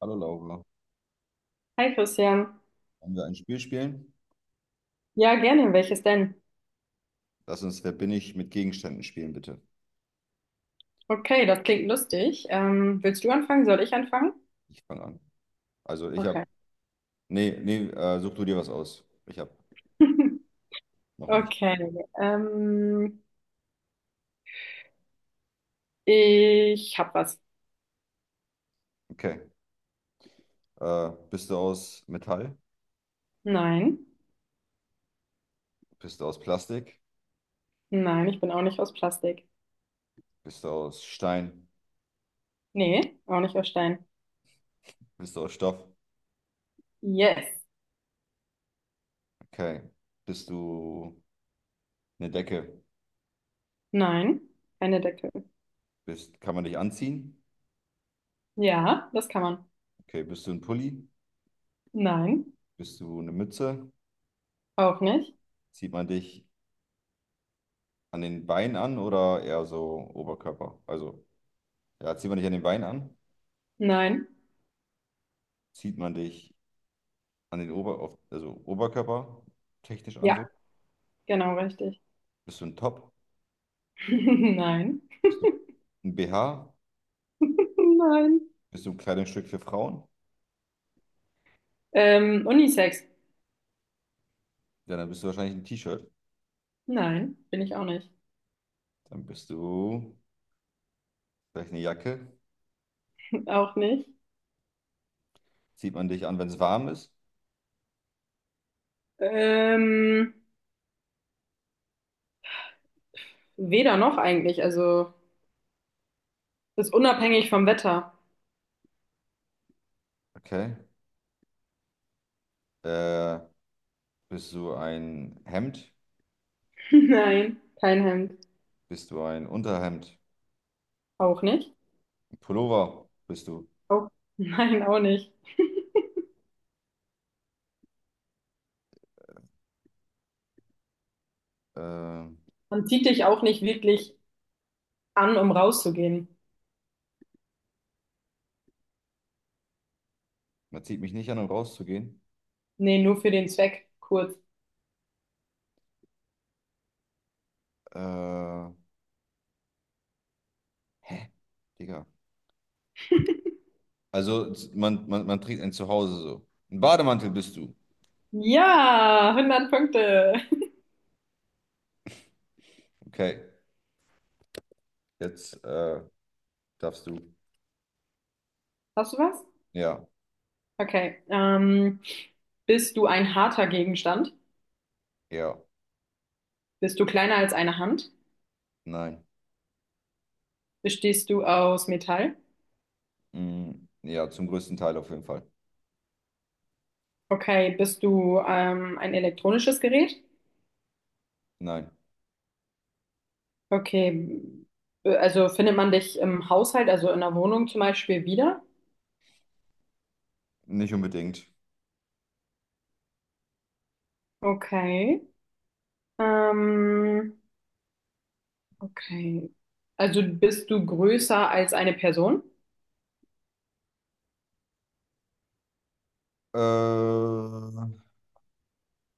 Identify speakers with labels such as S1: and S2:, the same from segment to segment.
S1: Hallo Laura,
S2: Hi Christian.
S1: wollen wir ein Spiel spielen?
S2: Ja, gerne. Welches denn?
S1: Lass uns Wer bin ich mit Gegenständen spielen, bitte.
S2: Okay, das klingt lustig. Willst du anfangen? Soll ich anfangen?
S1: Ich fange an. Also ich habe,
S2: Okay.
S1: nee, nee, such du dir was aus. Ich habe noch nicht.
S2: Okay. Ähm, Ich hab was.
S1: Okay. Bist du aus Metall?
S2: Nein.
S1: Bist du aus Plastik?
S2: Nein, ich bin auch nicht aus Plastik.
S1: Bist du aus Stein?
S2: Nee, auch nicht aus Stein.
S1: Bist du aus Stoff?
S2: Yes.
S1: Okay. Bist du eine Decke?
S2: Nein. Keine Decke.
S1: Bist, kann man dich anziehen?
S2: Ja, das kann man.
S1: Okay. Bist du ein Pulli?
S2: Nein.
S1: Bist du eine Mütze?
S2: Auch nicht.
S1: Zieht man dich an den Beinen an oder eher so Oberkörper? Also, ja, zieht man dich an den Beinen an?
S2: Nein.
S1: Zieht man dich an den Ober, auf, also Oberkörper technisch an so.
S2: Ja, genau richtig.
S1: Bist du ein Top?
S2: Nein.
S1: Bist du ein BH?
S2: Nein.
S1: Bist du ein Kleidungsstück für Frauen?
S2: Unisex.
S1: Ja, dann bist du wahrscheinlich ein T-Shirt.
S2: Nein, bin ich auch nicht.
S1: Dann bist du vielleicht eine Jacke.
S2: Auch nicht.
S1: Zieht man dich an, wenn es warm ist.
S2: Ähm, Weder noch eigentlich. Also, ist unabhängig vom Wetter.
S1: Okay. Äh, bist du ein Hemd?
S2: Nein, kein Hemd.
S1: Bist du ein Unterhemd?
S2: Auch nicht?
S1: Ein Pullover bist du.
S2: Auch. Nein, auch nicht.
S1: Äh,
S2: Man zieht dich auch nicht wirklich an, um rauszugehen.
S1: man zieht mich nicht an, um rauszugehen.
S2: Nee, nur für den Zweck. Kurz.
S1: Äh, hä? Digga. Also man trägt ein Zuhause so. Ein Bademantel bist du.
S2: Ja, 100 Punkte.
S1: Okay. Jetzt darfst du.
S2: Hast du was?
S1: Ja,
S2: Okay. Bist du ein harter Gegenstand?
S1: ja,
S2: Bist du kleiner als eine Hand?
S1: nein.
S2: Bestehst du aus Metall?
S1: Mm, ja, zum größten Teil auf jeden Fall.
S2: Okay, bist du ein elektronisches Gerät?
S1: Nein,
S2: Okay, also findet man dich im Haushalt, also in der Wohnung zum Beispiel wieder?
S1: nicht unbedingt.
S2: Okay. Ähm, okay. Also bist du größer als eine Person?
S1: Äh,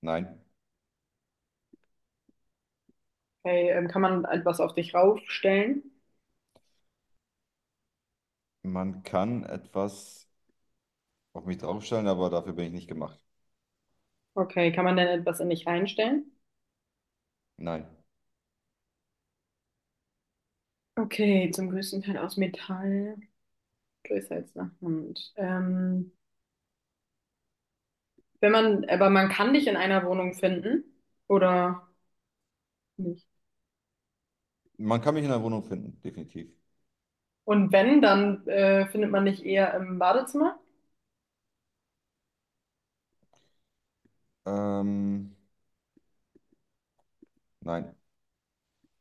S1: nein,
S2: Okay, kann man etwas auf dich raufstellen?
S1: man kann etwas auf mich draufstellen, aber dafür bin ich nicht gemacht.
S2: Okay, kann man denn etwas in dich reinstellen?
S1: Nein.
S2: Okay, zum größten Teil aus Metall, größer als eine Hand. Wenn man, aber man kann dich in einer Wohnung finden oder nicht?
S1: Man kann mich in der Wohnung finden, definitiv.
S2: Und wenn, dann findet man dich eher im Badezimmer,
S1: Ähm, nein.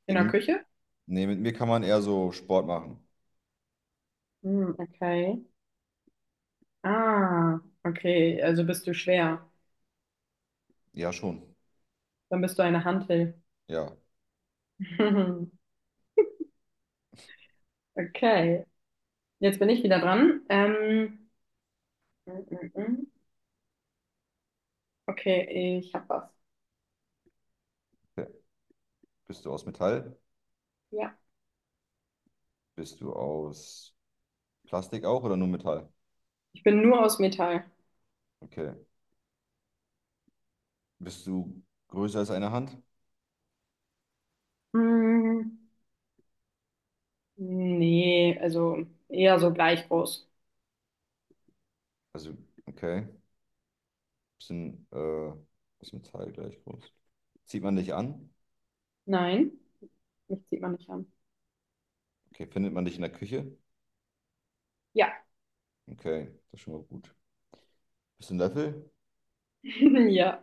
S2: in der
S1: Eben-
S2: Küche?
S1: Nee, mit mir kann man eher so Sport machen.
S2: Hm, okay. Ah, okay. Also bist du schwer.
S1: Ja, schon.
S2: Dann bist du eine Hantel.
S1: Ja.
S2: Okay. Jetzt bin ich wieder dran. Mm, mm, mm. Okay, ich hab was.
S1: Okay. Bist du aus Metall?
S2: Ja.
S1: Bist du aus Plastik auch oder nur Metall?
S2: Ich bin nur aus Metall.
S1: Okay. Bist du größer als eine Hand?
S2: Hm, nee, also eher so gleich groß.
S1: Also, okay. Bisschen, bisschen Teil gleich groß. Zieht man dich an?
S2: Nein, mich zieht man nicht an.
S1: Okay. Findet man dich in der Küche?
S2: Ja,
S1: Okay, das ist schon mal gut. Bisschen Löffel?
S2: ja.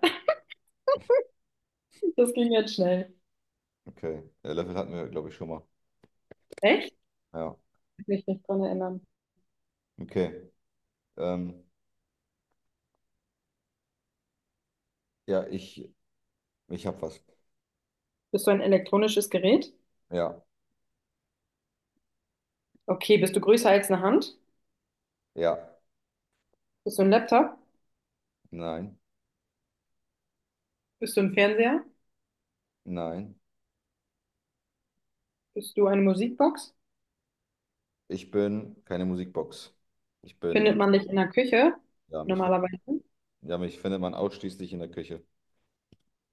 S2: Das ging jetzt schnell.
S1: Okay. Löffel hatten wir, glaube ich, schon mal.
S2: Echt?
S1: Ja.
S2: Ich kann mich nicht dran erinnern.
S1: Okay. Ähm, ja, ich, ich hab was.
S2: Bist du ein elektronisches Gerät?
S1: Ja.
S2: Okay, bist du größer als eine Hand?
S1: Ja.
S2: Bist du ein Laptop?
S1: Nein.
S2: Bist du ein Fernseher?
S1: Nein.
S2: Bist du eine Musikbox?
S1: Ich bin keine Musikbox. Ich bin,
S2: Findet man dich in der Küche
S1: ja,
S2: normalerweise?
S1: ja, mich findet man ausschließlich in der Küche.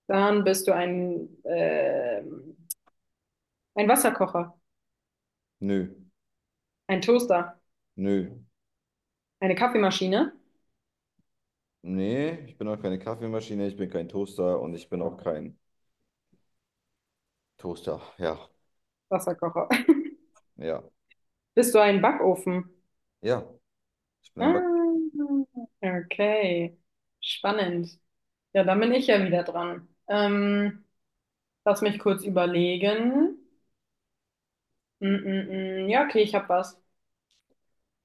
S2: Dann bist du ein Wasserkocher,
S1: Nö.
S2: ein Toaster,
S1: Nö.
S2: eine Kaffeemaschine,
S1: Nee, ich bin auch keine Kaffeemaschine, ich bin kein Toaster und ich bin auch kein Toaster. Ja,
S2: Wasserkocher.
S1: ja.
S2: Bist du ein Backofen?
S1: Ja, ich bin
S2: Ah,
S1: ein Back.
S2: okay, spannend. Ja, dann bin ich ja wieder dran. Lass mich kurz überlegen. Mm. Ja, okay, ich habe was.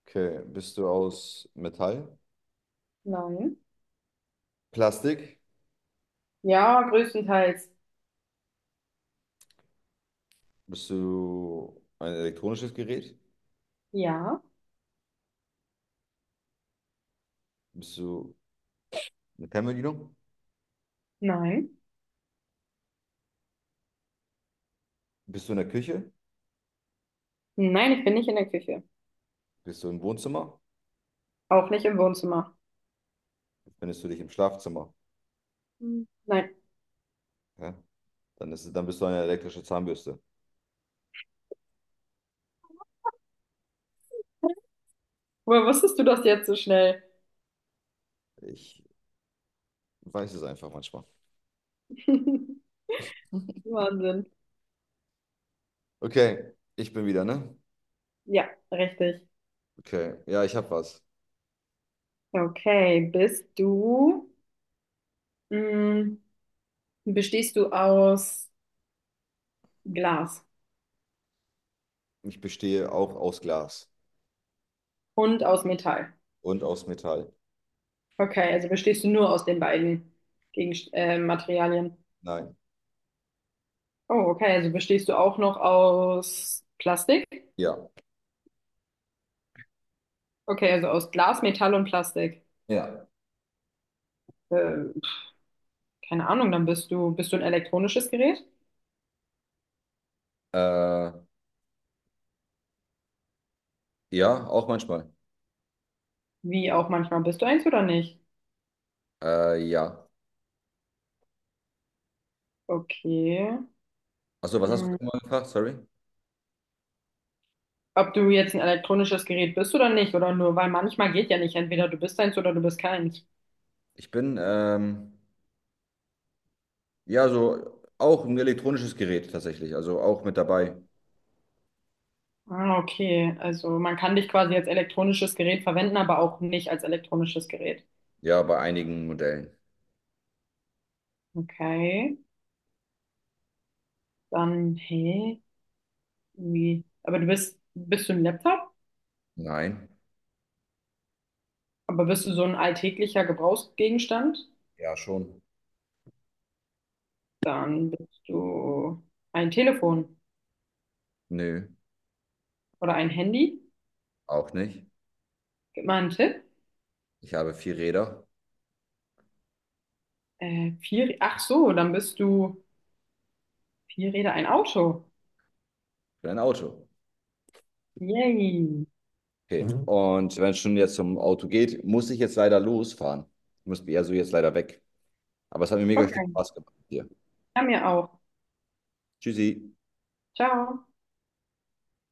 S1: Okay, bist du aus Metall?
S2: Nein.
S1: Plastik?
S2: Ja, größtenteils.
S1: Bist du ein elektronisches Gerät?
S2: Ja.
S1: Bist du eine Fernbedienung?
S2: Nein.
S1: Bist du in der Küche?
S2: Nein, ich bin nicht in der Küche.
S1: Bist du im Wohnzimmer?
S2: Auch nicht im Wohnzimmer.
S1: Findest du dich im Schlafzimmer?
S2: Hm, nein.
S1: Ja? Dann bist du eine elektrische Zahnbürste.
S2: Woher wusstest du das jetzt so schnell?
S1: Ich weiß es einfach manchmal.
S2: Wahnsinn.
S1: Okay, ich bin wieder, ne?
S2: Ja, richtig.
S1: Okay, ja, ich habe was.
S2: Okay, bist du, mh, bestehst du aus Glas
S1: Ich bestehe auch aus Glas
S2: und aus Metall?
S1: und aus Metall.
S2: Okay, also bestehst du nur aus den beiden Gegenst Materialien.
S1: Nein.
S2: Oh, okay, also bestehst du auch noch aus Plastik?
S1: Ja.
S2: Okay, also aus Glas, Metall und Plastik.
S1: Ja.
S2: Äh, Keine Ahnung, dann bist du ein elektronisches Gerät?
S1: Äh, ja, auch manchmal.
S2: Wie auch manchmal bist du eins oder nicht?
S1: Ja.
S2: Okay.
S1: Achso, was hast du
S2: Mm,
S1: nochmal gefragt? Sorry.
S2: ob du jetzt ein elektronisches Gerät bist oder nicht, oder nur, weil manchmal geht ja nicht, entweder du bist eins oder du bist keins.
S1: Ich bin, ähm, ja, so auch ein elektronisches Gerät tatsächlich. Also auch mit dabei.
S2: Ah, okay, also man kann dich quasi als elektronisches Gerät verwenden, aber auch nicht als elektronisches Gerät.
S1: Ja, bei einigen Modellen.
S2: Okay, dann, hey, wie? Bist du ein Laptop?
S1: Nein.
S2: Aber bist du so ein alltäglicher Gebrauchsgegenstand?
S1: Ja, schon.
S2: Dann bist du ein Telefon
S1: Nö,
S2: oder ein Handy.
S1: auch nicht.
S2: Gib mal einen Tipp.
S1: Ich habe vier Räder.
S2: Ach so, dann bist du vier Räder ein Auto.
S1: Für ein Auto.
S2: Yay.
S1: Okay. Mhm. Und wenn es schon jetzt zum Auto geht, muss ich jetzt leider losfahren. Ich muss also jetzt leider weg. Aber es hat mir mega viel
S2: Okay.
S1: Spaß gemacht hier.
S2: Ja, mir auch.
S1: Tschüssi.
S2: Ciao.